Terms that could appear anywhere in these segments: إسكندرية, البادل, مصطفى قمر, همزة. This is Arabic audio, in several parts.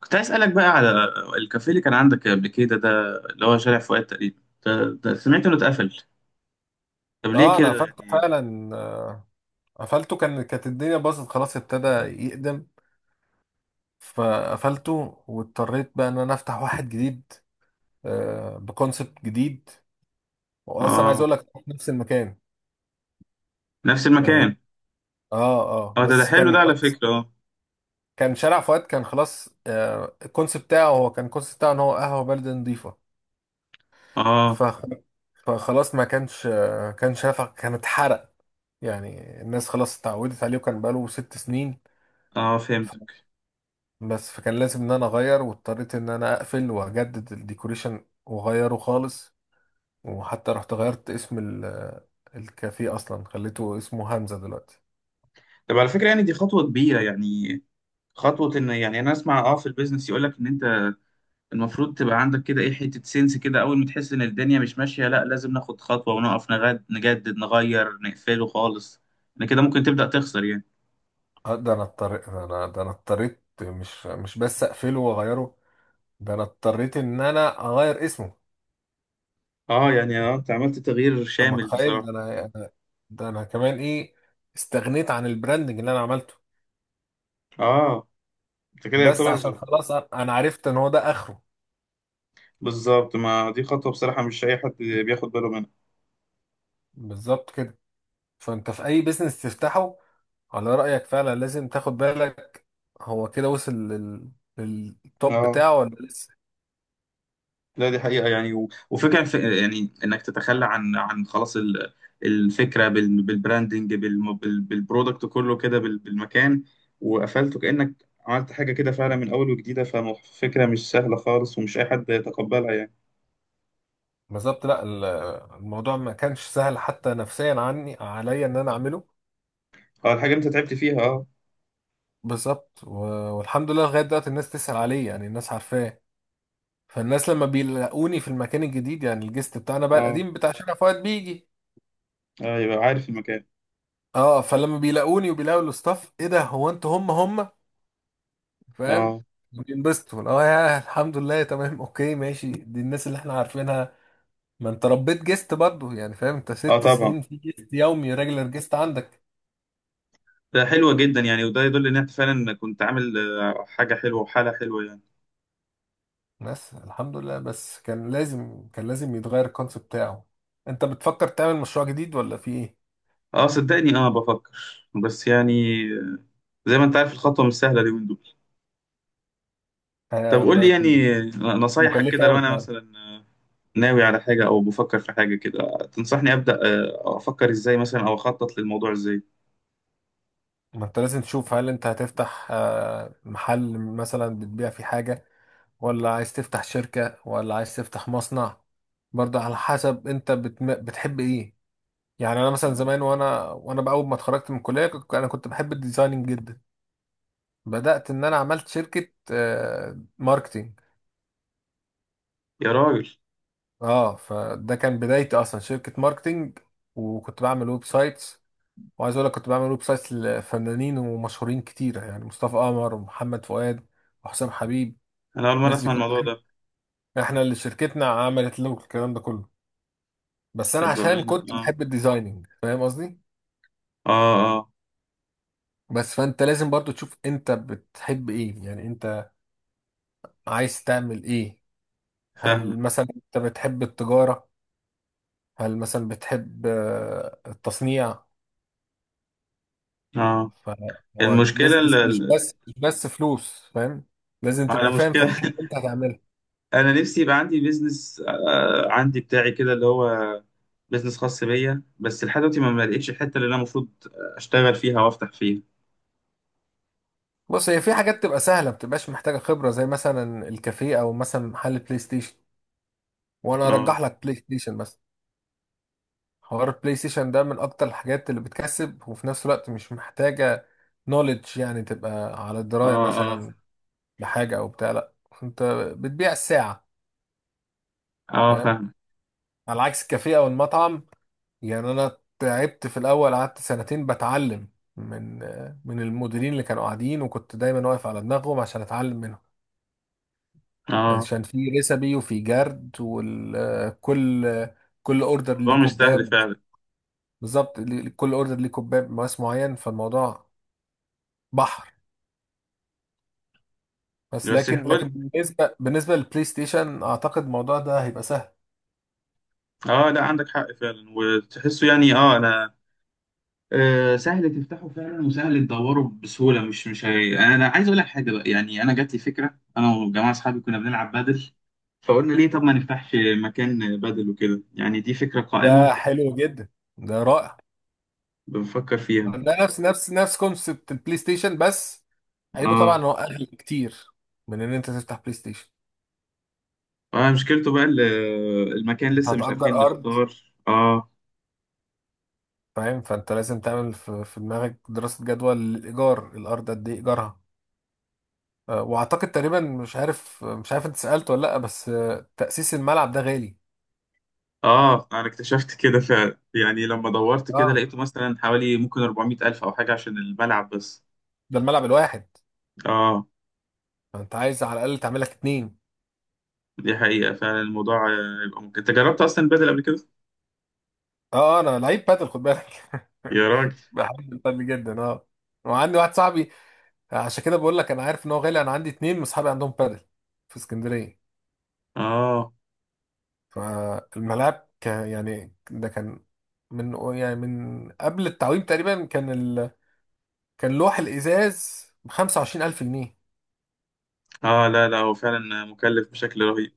كنت عايز اسالك بقى على الكافيه اللي كان عندك قبل كده، ده اللي هو شارع فؤاد تقريبا. ده سمعت انه اتقفل. طب ليه اه انا كده قفلته يعني؟ فعلا. آه، قفلته كانت الدنيا باظت خلاص، ابتدى يقدم، فقفلته واضطريت بقى ان انا افتح واحد جديد، بكونسبت جديد، واصلا عايز اه، اقول لك في نفس المكان. نفس اه. المكان. اه. آه، اه، ده بس حلو ده كان على خلاص. فكره، اه. كان شارع فؤاد كان خلاص، الكونسبت بتاعه هو كان الكونسبت بتاعه ان هو قهوه بلد نظيفه. اه، فخ- فخلاص ما كانش، كان اتحرق، يعني الناس خلاص اتعودت عليه وكان بقاله ست سنين. اه، فهمتك. بس فكان لازم ان انا اغير، واضطريت ان انا اقفل واجدد الديكوريشن واغيره خالص، وحتى رحت غيرت اسم الكافيه، اصلا خليته اسمه همزة دلوقتي. طب على فكره، يعني دي خطوه كبيره يعني، خطوه ان يعني انا اسمع في البيزنس يقول لك ان انت المفروض تبقى عندك كده ايه حته سنس، كده اول ما تحس ان الدنيا مش ماشيه، لا لازم ناخد خطوه ونقف، نغد، نجدد، نغير، نقفله خالص، ان كده ممكن تبدا تخسر يعني. ده انا اضطريت، مش بس اقفله واغيره، ده انا اضطريت ان انا اغير اسمه. اه، يعني انت انت عملت تغيير شامل متخيل؟ بصراحه. ده انا كمان ايه، استغنيت عن البراندنج اللي انا عملته. اه، انت كده بس عشان يعتبر. خلاص انا عرفت ان هو ده اخره. بالظبط، ما دي خطوة بصراحة مش أي حد بياخد باله منها. بالظبط كده. فانت في اي بيزنس تفتحه على رأيك فعلا لازم تاخد بالك. هو كده وصل للتوب اه، بتاعه ولا لسه؟ لا دي حقيقة يعني، و... وفكرة، يعني إنك تتخلى عن خلاص الفكرة بالبراندنج بالبرودكت كله كده بالمكان، وقفلته كأنك عملت حاجة كده فعلا من أول وجديدة، ففكرة مش سهلة خالص، ومش أي حد يتقبلها يعني. بالظبط. لا، الموضوع ما كانش سهل حتى نفسيا، عني، عليا ان انا اعمله. اه، الحاجة أنت تعبت فيها، اه. بالظبط. والحمد لله لغاية دلوقتي الناس تسأل عليه، يعني الناس عارفاه، فالناس لما بيلاقوني في المكان الجديد، يعني الجست بتاعنا بقى اه، القديم بتاع شارع فؤاد بيجي. يبقى عارف المكان. اه. فلما بيلاقوني وبيلاقوا الاستاف، ايه ده؟ هو انتوا هم هم؟ فاهم؟ اه، بينبسطوا. اه، يا الحمد لله، تمام، اوكي، ماشي، دي الناس اللي احنا عارفينها. ما انت ربيت جيست برضه، يعني فاهم، انت اه، ست طبعا. سنين في جيست يومي، ريجلر جيست عندك. ده حلوة جدا يعني، وده يدل ان انت فعلا كنت عامل حاجة حلوة وحالة حلوة يعني. بس الحمد لله. بس كان لازم يتغير الكونسيبت بتاعه. انت بتفكر تعمل مشروع جديد ولا في ايه؟ اه، صدقني، بفكر، بس يعني، آه، زي ما انت عارف الخطوة مش سهلة اليومين دول. طب قول لي بقت يعني نصايحك مكلفة كده، لو قوي انا فعلا. مثلا ناوي على حاجة او بفكر في حاجة كده، تنصحني ابدأ افكر ازاي مثلا، او اخطط للموضوع ازاي؟ ما انت لازم تشوف، هل انت هتفتح محل مثلا بتبيع فيه حاجة، ولا عايز تفتح شركة، ولا عايز تفتح مصنع؟ برضه على حسب انت بتحب ايه. يعني انا مثلا آه، زمان، وانا بأول ما اتخرجت من الكلية انا كنت بحب الديزايننج جدا. بدأت ان انا عملت شركة ماركتينج. يا راجل، اه، فده كان بدايتي اصلا، شركة ماركتينج، وكنت بعمل ويب سايتس. وعايز اقول لك كنت بعمل ويب سايتس لفنانين ومشهورين كتيرة، يعني مصطفى قمر، ومحمد فؤاد، وحسام حبيب. انا اول مرة الناس دي اسمع كلها الموضوع ده. احنا اللي شركتنا عملت له الكلام ده كله، بس انا طب عشان بأمانة، كنت اه، بحب الديزايننج، فاهم قصدي؟ اه، اه، بس فانت لازم برضو تشوف انت بتحب ايه، يعني انت عايز تعمل ايه. هل فاهمك. مثلا انت بتحب التجارة؟ هل مثلا بتحب التصنيع؟ اه، فهو المشكلة البيزنس مش بس مش بس فلوس، فاهم؟ لازم على تبقى فاهم في مشكلة الحاجة اللي انت هتعملها. انا نفسي يبقى عندي بيزنس، عندي بتاعي كده اللي هو بيزنس خاص بيا، بس لحد دلوقتي ما لقيتش الحته اللي انا المفروض اشتغل فيها وافتح فيها. بص، هي في حاجات تبقى سهلة، ما بتبقاش محتاجة خبرة، زي مثلا الكافيه، او مثلا محل بلاي ستيشن. وانا اه، ارجح لك بلاي ستيشن مثلا. حوار البلاي ستيشن ده من اكتر الحاجات اللي بتكسب، وفي نفس الوقت مش محتاجة نوليدج، يعني تبقى على دراية اه، اه، مثلا بحاجة او بتاع، لا، انت بتبيع الساعة، اه، فاهم؟ فاهم. على عكس الكافيه او المطعم. يعني انا تعبت في الاول، قعدت سنتين بتعلم من من المديرين اللي كانوا قاعدين، وكنت دايما واقف على دماغهم عشان اتعلم منهم، اه، عشان في ريسبي، وفي جرد، وكل اوردر الموضوع ليه مش سهل كوباب. فعلا. بالظبط. كل اوردر ليه كوباب مقاس معين، فالموضوع بحر. بس بس لكن يحاول. بالنسبه للبلاي ستيشن، اعتقد الموضوع ده هيبقى سهل. اه، لا عندك حق فعلا وتحسه، يعني اه انا سهل تفتحه فعلا، وسهل تدوره بسهوله، مش انا عايز اقول لك حاجه بقى، يعني انا جات لي فكره انا وجماعه اصحابي كنا بنلعب بادل. فقلنا ليه؟ طب ما نفتحش مكان بادل وكده، يعني دي فكره ده قائمه حلو جدا. ده رائع. بنفكر فيها. ده نفس كونسبت البلاي ستيشن، بس عيبه طبعا اه، إن هو اغلى كتير من ان انت تفتح بلاي ستيشن. اه، مشكلته بقى المكان، انت لسه مش عارفين هتأجر ارض، نختار، اه. فاهم؟ فانت لازم تعمل في دماغك دراسة جدوى، الايجار، الارض قد ايه ايجارها. واعتقد تقريبا، مش عارف انت سألت ولا لا، بس تأسيس الملعب ده غالي. اه، انا اكتشفت كده فعلا، يعني لما دورت كده اه. لقيته مثلا حوالي ممكن 400 الف او حاجه عشان الملعب بس. ده الملعب الواحد، اه، فانت عايز على الاقل تعمل لك اتنين. دي حقيقه فعلا الموضوع، يبقى ممكن انت جربت اصلا البدل قبل كده؟ اه. انا لعيب بادل، خد بالك. يا راجل، بحب البادل جدا، اه. وعندي واحد صاحبي، عشان كده بقول لك انا عارف ان هو غالي. انا عندي اتنين من اصحابي عندهم بادل في اسكندريه، اه، فالملاعب كان، يعني ده كان من، يعني من قبل التعويم تقريبا، كان كان لوح الازاز ب 25,000 جنيه، اه، لا لا هو فعلا مكلف بشكل رهيب.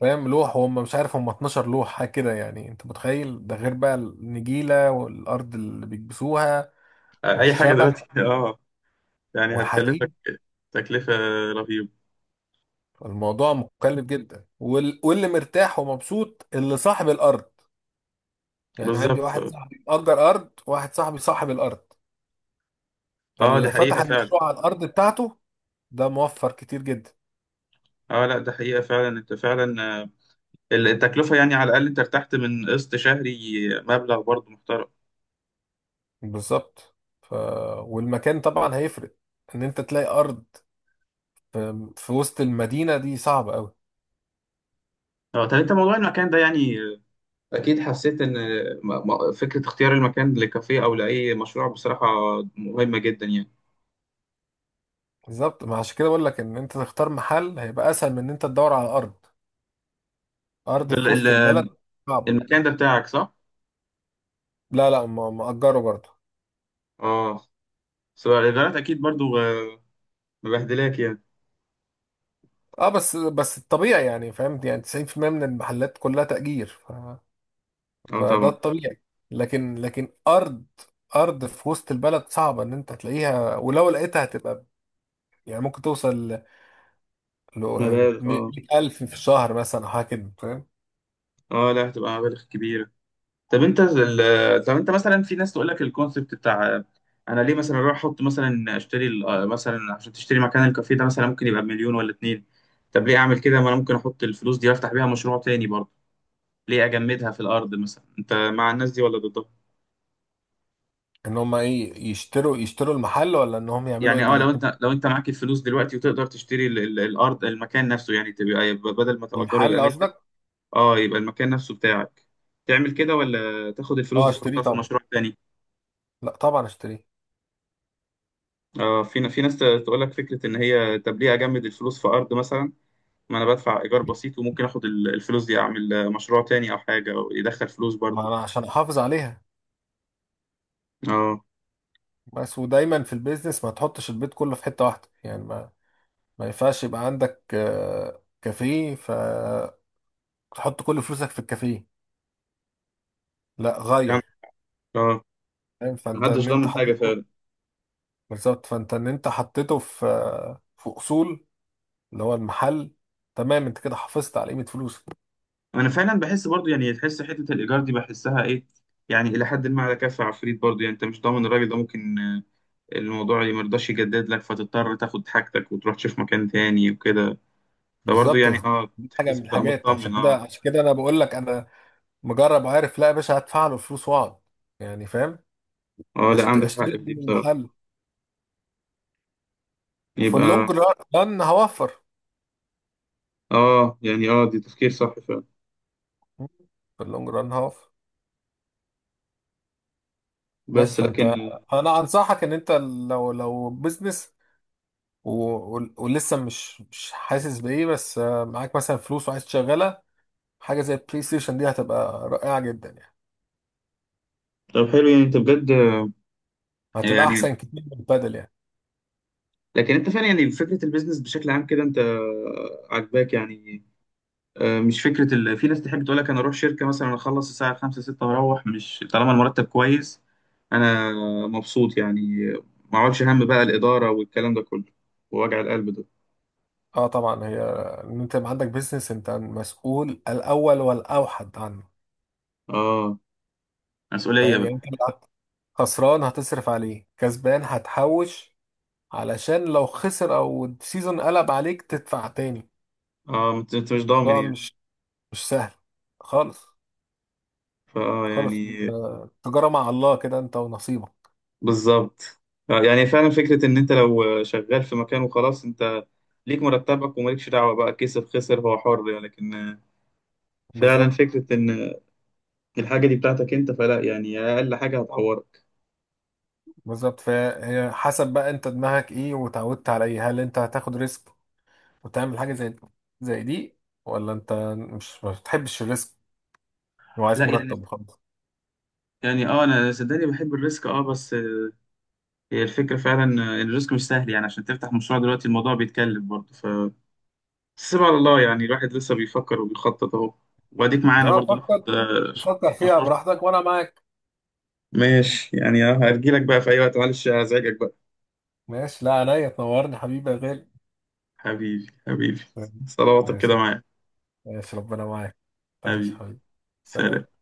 فاهم؟ لوح. وهم مش عارف هم 12 لوح حاجه كده، يعني انت متخيل؟ ده غير بقى النجيله، والارض اللي بيكبسوها، اي حاجه دلوقتي والشبك، اه. يعني هتكلفك والحديد. تكلفه رهيبه. الموضوع مكلف جدا، واللي مرتاح ومبسوط اللي صاحب الارض. يعني عندي بالظبط، واحد اه. صاحبي اجر ارض، واحد صاحبي صاحب الارض، دي فاللي حقيقه فتح فعلا. المشروع على الارض بتاعته ده موفر كتير جدا. اه، لا ده حقيقه فعلا انت فعلا، التكلفة يعني، على الأقل أنت ارتحت من قسط شهري مبلغ برضه محترم. بالظبط. ف... والمكان طبعا هيفرق. ان انت تلاقي ارض في وسط المدينه دي صعبه قوي. اه، طب أنت موضوع المكان ده يعني، أكيد حسيت إن فكرة اختيار المكان لكافيه أو لأي مشروع بصراحة مهمة جدا يعني. بالظبط، ما عشان كده بقول لك ان انت تختار محل هيبقى اسهل من ان انت تدور على ارض. أنت ارض في وسط البلد صعبه. المكان ده بتاعك، صح؟ لا لا، مأجره برضه. اه، سواء الإيجارات أكيد برضه مبهدلاك يعني. اه. بس الطبيعي، يعني فهمت، يعني 90% من المحلات كلها تأجير. ف اه، فده طبعا، الطبيعي. لكن ارض في وسط البلد صعبه ان انت تلاقيها، ولو لقيتها هتبقى، يعني ممكن توصل ل مبالغ، اه. 100,000 في الشهر مثلا، او حاجه كده، فاهم؟ اه، لا هتبقى مبالغ كبيرة. طب انت مثلا، في ناس تقول لك الكونسيبت بتاع، انا ليه مثلا اروح احط مثلا اشتري مثلا عشان تشتري مكان الكافيه ده مثلا ممكن يبقى بمليون ولا اتنين. طب ليه اعمل كده؟ ما انا ممكن احط الفلوس دي وافتح بيها مشروع تاني برضه، ليه اجمدها في الارض مثلا؟ انت مع الناس دي ولا ضدها؟ ان هم ايه، يشتروا المحل، ولا ان هم يعملوا ايه يعني اه، لو بالاتنين؟ انت لو انت معاك الفلوس دلوقتي وتقدر تشتري الارض، المكان نفسه، يعني يبقى بدل ما تأجره يبقى المحل ملكك. قصدك؟ اه، يبقى المكان نفسه بتاعك. تعمل كده ولا تاخد الفلوس اه دي اشتريه تحطها في طبعا. مشروع تاني؟ لا طبعا اشتريه. اه، في ناس تقول لك فكره، ان هي طب ليه اجمد الفلوس في ارض مثلا؟ ما انا بدفع ايجار بسيط وممكن اخد الفلوس دي اعمل مشروع تاني او حاجه، او يدخل فلوس ما برضو. انا عشان احافظ عليها. اه، بس ودايما في البيزنس ما تحطش البيت كله في حته واحده، يعني ما ينفعش يبقى عندك كافيه فتحط كل فلوسك في الكافيه، لا يعني- غير. اه، فاهم؟ فانت محدش ان انت ضامن حاجه حطيته، فعلا. بالظبط، فانت ان انت حطيته في اصول، اللي هو المحل، تمام، انت كده حافظت على قيمه فلوسك. انا فعلا بحس برضو يعني، تحس حته الايجار دي، بحسها ايه يعني، الى حد ما على كف عفريت برضو يعني، انت مش ضامن الراجل ده ممكن، الموضوع اللي مرضاش يجدد لك فتضطر تاخد حاجتك وتروح تشوف مكان تاني وكده. فبرضو بالظبط. يعني، اه دي حاجه تحس من بتبقى الحاجات، عشان مطمن، كده اه. عشان كده انا بقول لك، انا مجرب وعارف، لا يا باشا هدفع له فلوس واقعد، يعني فاهم؟ اه، لا عندك حق في اشتري دي من بصراحه. المحل، وفي يبقى اللونج ران هوفر اه، يعني اه دي تفكير صح فعلا، في اللونج ران هوفر. بس بس فانت، لكن. انا انصحك ان انت، لو بزنس، و... ولسه مش حاسس بايه، بس معاك مثلا فلوس وعايز تشغلها، حاجه زي البلاي ستيشن دي هتبقى رائعه جدا يعني، طب حلو، يعني انت بجد هتبقى يعني، احسن كتير من البادل يعني. لكن انت فعلا يعني فكره البيزنس بشكل عام كده، انت عاجباك يعني؟ مش فكره في ناس تحب تقول لك، انا اروح شركه مثلا اخلص الساعه 5 6 واروح، مش طالما المرتب كويس انا مبسوط يعني، ما اقعدش هم بقى الاداره والكلام ده كله، ووجع القلب ده. اه طبعا. هي ان انت يبقى عندك بيزنس، انت مسؤول الاول والاوحد عنه، اه، مسؤوليه فاهم يعني؟ بقى. انت لو خسران هتصرف عليه، كسبان هتحوش، علشان لو خسر او السيزون قلب عليك تدفع تاني. اه، أنت مش ضامن الموضوع يعني. مش سهل خالص. فاه خالص. يعني. تجارة مع الله كده، انت ونصيبك. بالظبط. يعني فعلا فكرة إن أنت لو شغال في مكان وخلاص، أنت ليك مرتبك ومالكش دعوة بقى، كسب خسر هو حر يعني، لكن فعلا بالظبط. فكرة إن الحاجة دي بتاعتك أنت، فلا يعني أقل حاجة هتعورك. بالظبط، فهي حسب بقى انت دماغك ايه، وتعودت على ايه. هل انت هتاخد ريسك وتعمل حاجة زي دي، ولا انت مش ما بتحبش الريسك، لا وعايز يعني مرتب وخلاص؟ يعني أه أنا صدقني بحب الريسك، أه بس هي الفكرة فعلا، الريسك مش سهل يعني، عشان تفتح مشروع دلوقتي الموضوع بيتكلف برضه، ف سيب على الله يعني، الواحد لسه بيفكر وبيخطط أهو، وأديك معانا لا، برضه ناخد فكر، فكر فيها مشورتك. براحتك، وانا معاك. ماشي يعني، أه هرجيلك بقى في أي وقت، معلش هزعجك بقى. ماشي. لا، عينيا، تنورني حبيبي يا غالي. حبيبي، حبيبي. طيب. صلواتك كده ماشي، معايا. ماشي، ربنا معاك. تعيش حبيبي، حبيبي. سلام. سلام.